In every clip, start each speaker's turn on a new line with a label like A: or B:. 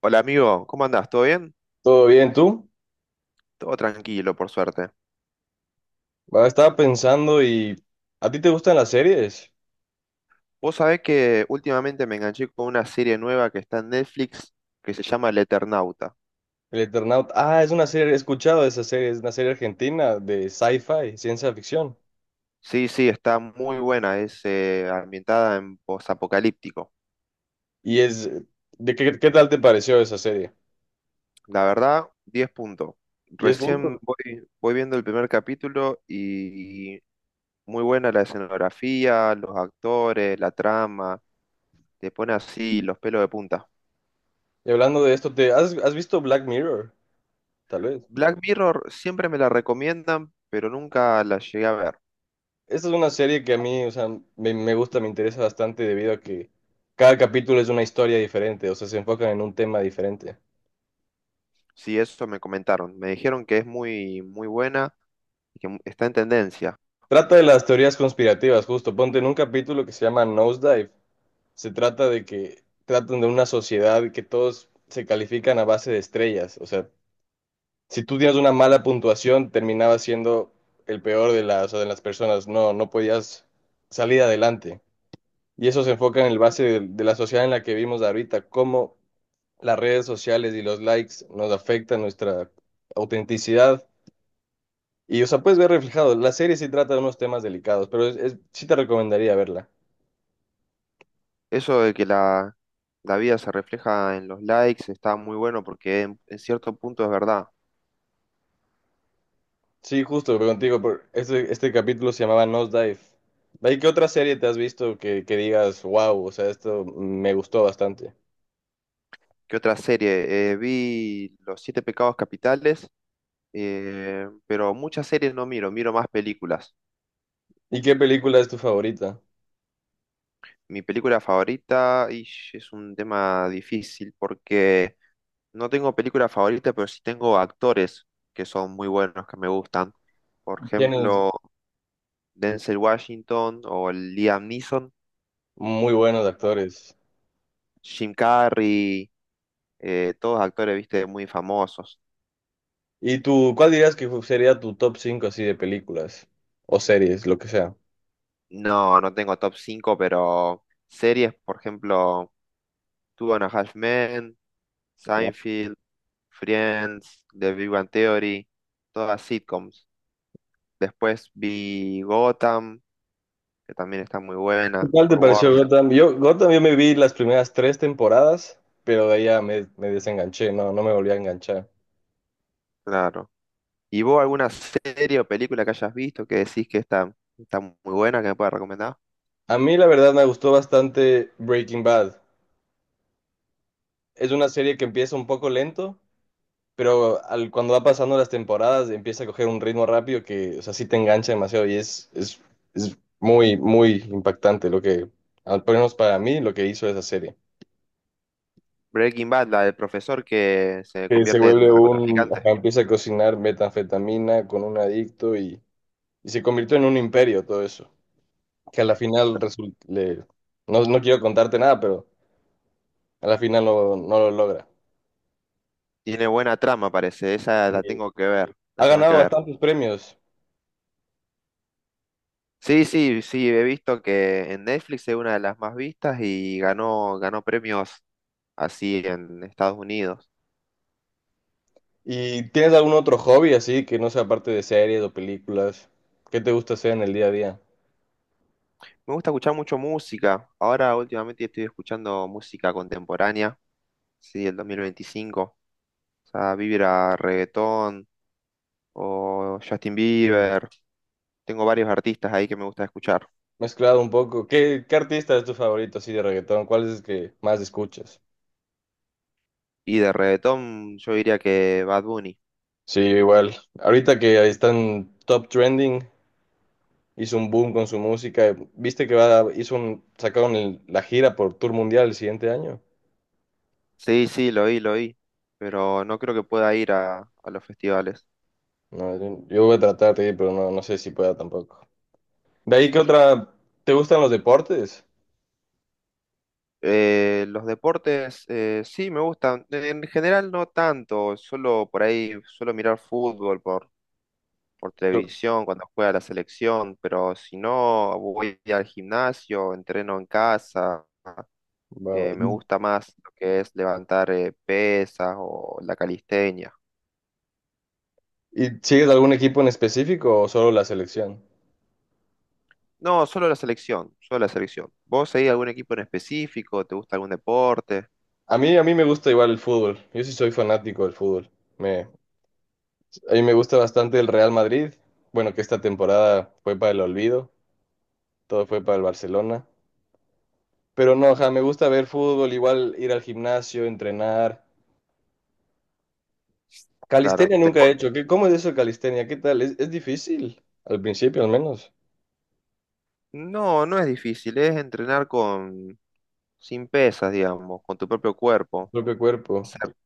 A: Hola amigo, ¿cómo andás? ¿Todo bien?
B: ¿Todo bien tú?
A: Todo tranquilo, por suerte.
B: Ah, estaba pensando y ¿a ti te gustan las series?
A: Vos sabés que últimamente me enganché con una serie nueva que está en Netflix que se llama El Eternauta.
B: El Eternauta. Ah, es una serie, he escuchado de esa serie, es una serie argentina de sci-fi, ciencia ficción.
A: Sí, sí, está muy buena, es ambientada en posapocalíptico.
B: Y es, qué tal te pareció esa serie?
A: La verdad, 10 puntos.
B: 10 puntos.
A: Recién voy viendo el primer capítulo y muy buena la escenografía, los actores, la trama, te pone así los pelos de punta.
B: Y hablando de esto, ¿has visto Black Mirror? Tal vez.
A: Black Mirror siempre me la recomiendan, pero nunca la llegué a ver.
B: Esta es una serie que a mí, o sea, me gusta, me interesa bastante debido a que cada capítulo es una historia diferente, o sea, se enfocan en un tema diferente.
A: Sí, eso me comentaron. Me dijeron que es muy, muy buena y que está en tendencia.
B: Trata de las teorías conspirativas, justo. Ponte en un capítulo que se llama Nosedive. Se trata de que tratan de una sociedad que todos se califican a base de estrellas. O sea, si tú tienes una mala puntuación, terminabas siendo el peor de las, o sea, de las personas. No, no podías salir adelante. Y eso se enfoca en el base de, la sociedad en la que vivimos ahorita, cómo las redes sociales y los likes nos afectan nuestra autenticidad. Y, o sea, puedes ver reflejado. La serie sí trata de unos temas delicados, pero sí te recomendaría verla.
A: Eso de que la vida se refleja en los likes está muy bueno porque en cierto punto es verdad.
B: Sí, justo, pero contigo, por este capítulo se llamaba Nosedive. ¿De ahí qué otra serie te has visto que digas, wow, o sea, esto me gustó bastante?
A: ¿Qué otra serie? Vi Los Siete Pecados Capitales, pero muchas series no miro más películas.
B: ¿Y qué película es tu favorita?
A: Mi película favorita, es un tema difícil porque no tengo película favorita, pero sí tengo actores que son muy buenos, que me gustan. Por
B: Tienes
A: ejemplo. Denzel Washington o el Liam Neeson,
B: muy buenos actores.
A: Jim Carrey, todos actores, viste, muy famosos.
B: ¿Y tú, cuál dirías que sería tu top 5 así de películas o series, lo que sea?
A: No, no tengo top 5, pero series, por ejemplo, Two and a Half Men, Seinfeld, Friends, The Big Bang Theory, todas sitcoms. Después vi Gotham, que también está muy
B: ¿Qué
A: buena,
B: tal te
A: por
B: pareció
A: Warner,
B: Gotham? Yo, Gotham, yo me vi las primeras tres temporadas, pero de ahí ya me desenganché, no, no me volví a enganchar.
A: claro. ¿Y vos alguna serie o película que hayas visto que decís que está muy buena, que me puedas recomendar?
B: A mí la verdad me gustó bastante Breaking Bad. Es una serie que empieza un poco lento, pero cuando va pasando las temporadas empieza a coger un ritmo rápido que, o sea, sí te engancha demasiado y es muy, muy impactante al menos para mí, lo que hizo esa serie.
A: Breaking Bad, la del profesor que se
B: Que se
A: convierte en
B: vuelve un,
A: narcotraficante.
B: ajá, empieza a cocinar metanfetamina con un adicto y se convirtió en un imperio todo eso. Que a la final resulta, no, no quiero contarte nada, pero a la final no, no lo logra.
A: Tiene buena trama, parece. Esa
B: Y
A: la tengo que ver. La
B: ha
A: tengo que
B: ganado
A: ver.
B: bastantes premios.
A: Sí, sí, sí, he visto que en Netflix es una de las más vistas y ganó premios así en Estados Unidos.
B: ¿Y tienes algún otro hobby así que no sea parte de series o películas? ¿Qué te gusta hacer en el día a día?
A: Me gusta escuchar mucho música. Ahora últimamente estoy escuchando música contemporánea, sí, el 2025. O sea, Vibra, reggaetón o Justin Bieber. Tengo varios artistas ahí que me gusta escuchar.
B: Mezclado un poco. ¿Qué artista es tu favorito así de reggaetón? ¿Cuál es el que más escuchas?
A: Y de reggaetón yo diría que Bad Bunny.
B: Sí, igual. Ahorita que ahí están top trending, hizo un boom con su música. ¿Viste que sacaron la gira por tour mundial el siguiente año?
A: Sí, sí, lo oí, pero no creo que pueda ir a los festivales.
B: No, yo voy a tratar de ir, pero no, no sé si pueda tampoco. ¿De ahí qué otra? ¿Te gustan los deportes?
A: Los deportes sí me gustan, en general no tanto, solo por ahí suelo mirar fútbol por
B: Yo-
A: televisión cuando juega la selección, pero si no voy al gimnasio, entreno en casa,
B: va,
A: me
B: va.
A: gusta más lo que es levantar pesas o la calistenia.
B: ¿Y sigues algún equipo en específico o solo la selección?
A: No, solo la selección, solo la selección. ¿Vos seguís algún equipo en específico? ¿Te gusta algún deporte?
B: A mí me gusta igual el fútbol. Yo sí soy fanático del fútbol. Me, a mí me gusta bastante el Real Madrid. Bueno, que esta temporada fue para el olvido, todo fue para el Barcelona. Pero no, ajá, me gusta ver fútbol, igual ir al gimnasio, entrenar.
A: Claro.
B: Calistenia nunca he hecho. ¿Cómo es eso de calistenia? ¿Qué tal? Es difícil, al principio al menos,
A: No, no es difícil, es entrenar con sin pesas, digamos, con tu propio
B: tu
A: cuerpo,
B: propio cuerpo.
A: hacer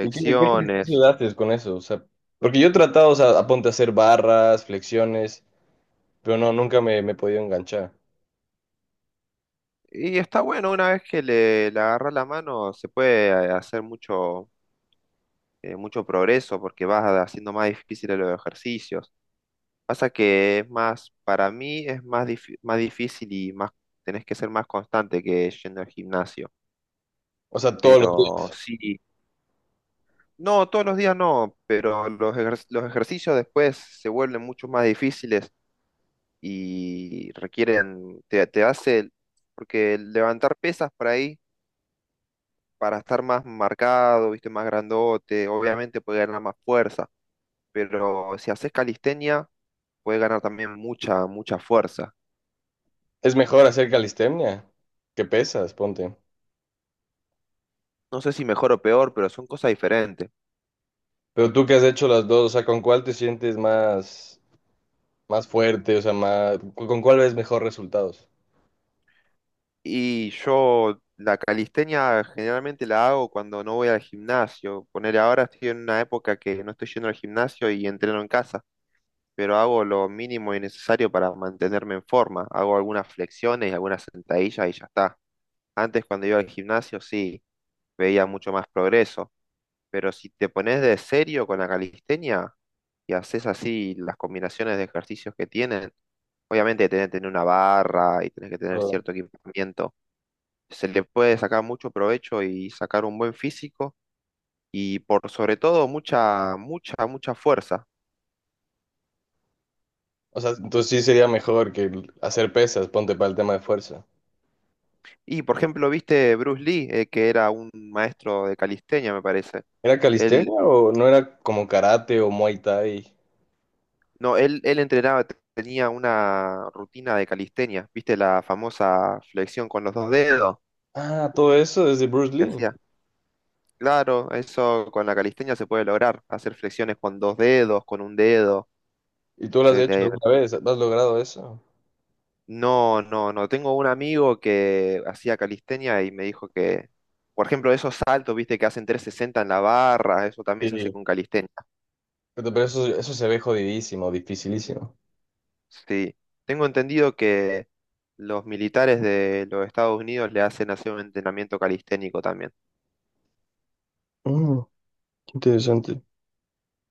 B: ¿Y qué ejercicio haces con eso? O sea, porque yo he tratado, o sea, aponte a hacer barras, flexiones. Pero no, nunca me he podido enganchar.
A: Y está bueno, una vez que le agarras la mano, se puede hacer mucho, mucho progreso porque vas haciendo más difíciles los ejercicios. Pasa que es más, para mí es más, más difícil y más, tenés que ser más constante que yendo al gimnasio.
B: O sea, todos los
A: Pero
B: días.
A: sí, no, todos los días no, pero los ejercicios después se vuelven mucho más difíciles y requieren, te hace, porque levantar pesas por ahí, para estar más marcado, viste, más grandote, obviamente puede ganar más fuerza, pero si haces calistenia, puede ganar también mucha, mucha fuerza.
B: Es mejor hacer calistenia que pesas, ponte.
A: No sé si mejor o peor, pero son cosas diferentes.
B: Pero tú que has hecho las dos, o sea, ¿con cuál te sientes más fuerte? O sea, ¿con cuál ves mejor resultados?
A: Y yo la calistenia generalmente la hago cuando no voy al gimnasio. Poner ahora estoy en una época que no estoy yendo al gimnasio y entreno en casa, pero hago lo mínimo y necesario para mantenerme en forma. Hago algunas flexiones y algunas sentadillas y ya está. Antes cuando iba al gimnasio sí, veía mucho más progreso. Pero si te pones de serio con la calistenia y haces así las combinaciones de ejercicios que tienen, obviamente tenés que tener una barra y tenés que tener
B: O
A: cierto equipamiento. Se le puede sacar mucho provecho y sacar un buen físico y por sobre todo mucha, mucha, mucha fuerza.
B: o sea, entonces sí sería mejor que hacer pesas, ponte para el tema de fuerza.
A: Y por ejemplo, viste Bruce Lee, que era un maestro de calistenia, me parece.
B: ¿Era
A: Él,
B: calistenia o no era como karate o muay thai?
A: no, él entrenaba, tenía una rutina de calistenia, viste la famosa flexión con los dos dedos
B: Ah, todo eso desde Bruce
A: que
B: Lee.
A: hacía. Claro, eso con la calistenia se puede lograr, hacer flexiones con dos dedos, con un dedo.
B: ¿Y tú lo has
A: se
B: hecho
A: te-
B: alguna vez? ¿Has logrado eso?
A: No, no, no. Tengo un amigo que hacía calistenia y me dijo que, por ejemplo, esos saltos, viste, que hacen 360 en la barra, eso también se hace
B: Sí.
A: con calistenia.
B: Pero eso se ve jodidísimo, dificilísimo.
A: Sí. Tengo entendido que los militares de los Estados Unidos le hacen hacer un entrenamiento calisténico también.
B: Mm. Interesante.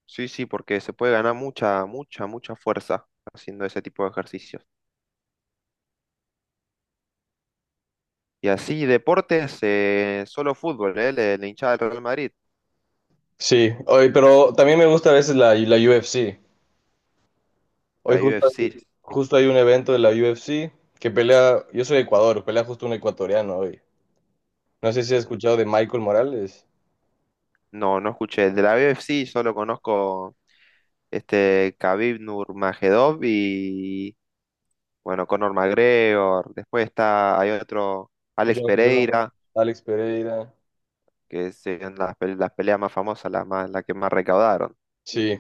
A: Sí, sí, porque se puede ganar mucha, mucha, mucha fuerza haciendo ese tipo de ejercicio. Y así, deportes, solo fútbol, ¿eh? La hinchada del Real Madrid,
B: Sí, hoy, pero también me gusta a veces la UFC. Hoy
A: la
B: justo,
A: UFC.
B: justo hay un evento de la UFC que pelea, yo soy de Ecuador, pelea justo un ecuatoriano hoy. No sé si has
A: Mm.
B: escuchado de Michael Morales,
A: No, no escuché. De la UFC solo conozco este Khabib Nurmagomedov y, bueno, Conor McGregor. Después está, hay otro, Alex
B: John
A: Pereira,
B: Alex Pereira.
A: que son las peleas más famosas, las más, las que más recaudaron.
B: Sí,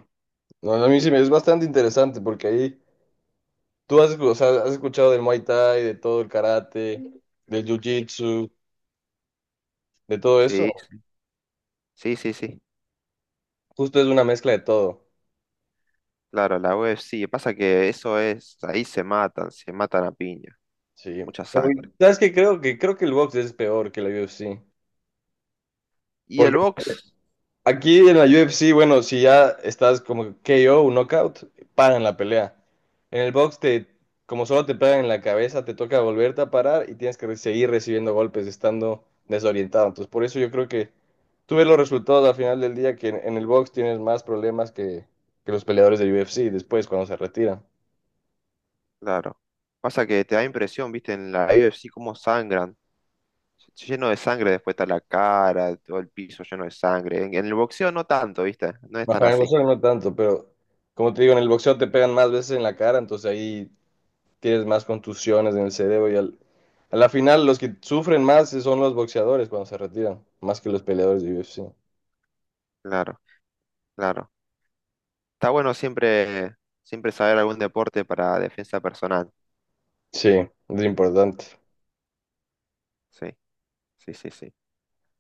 B: no, a mí sí me es bastante interesante porque ahí tú o sea, has escuchado del Muay Thai, de todo el karate, del Jiu-Jitsu, de todo
A: Sí,
B: eso.
A: sí, sí, sí.
B: Justo es una mezcla de todo.
A: Claro, la UFC. Pasa que eso es, ahí se matan a piña,
B: Sí.
A: mucha
B: Pero,
A: sangre.
B: ¿sabes qué? Creo que el box es peor que la UFC.
A: Y el box.
B: Aquí en la UFC, bueno, si ya estás como KO, un knockout, paran la pelea. En el box como solo te pegan en la cabeza, te toca volverte a parar y tienes que seguir recibiendo golpes estando desorientado. Entonces, por eso yo creo que tú ves los resultados al final del día que en, el box tienes más problemas que los peleadores de UFC después cuando se retiran.
A: Claro. Pasa que te da impresión, viste, en la UFC cómo sangran. Lleno de sangre, después está la cara, todo el piso lleno de sangre. En el boxeo no tanto, viste, no es tan
B: Bajo en el
A: así.
B: boxeo no tanto, pero como te digo, en el boxeo te pegan más veces en la cara, entonces ahí tienes más contusiones en el cerebro y a la final los que sufren más son los boxeadores cuando se retiran, más que los peleadores de UFC.
A: Claro, claro. Está bueno siempre, siempre saber algún deporte para defensa personal.
B: Sí, es importante.
A: Sí, sí, sí, sí.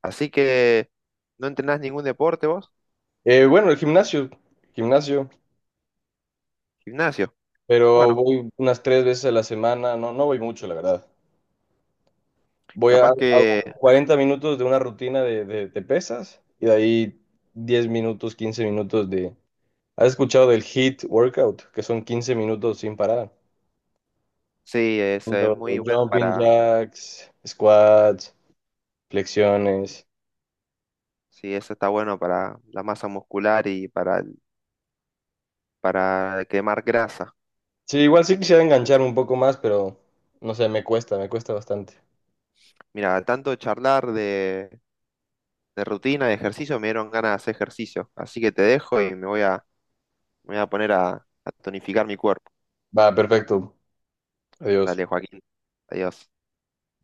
A: Así que, ¿no entrenás ningún deporte vos?
B: Bueno, el gimnasio, gimnasio,
A: Gimnasio.
B: pero
A: Bueno,
B: voy unas tres veces a la semana, no, no voy mucho, la verdad. Voy a,
A: capaz que
B: hago 40 minutos de una rutina de, de pesas y de ahí 10 minutos, 15 minutos de... ¿Has escuchado del HIIT workout? Que son 15 minutos sin parar.
A: sí, eso es, muy
B: Haciendo
A: bueno
B: Jumping
A: para,
B: jacks, squats, flexiones.
A: sí, eso está bueno para la masa muscular y para quemar grasa.
B: Sí, igual sí quisiera enganchar un poco más, pero no sé, me cuesta bastante.
A: Mira, tanto charlar de rutina, de ejercicio, me dieron ganas de hacer ejercicio. Así que te dejo y me voy a poner a tonificar mi cuerpo.
B: Va, perfecto. Adiós.
A: Dale, Joaquín. Adiós.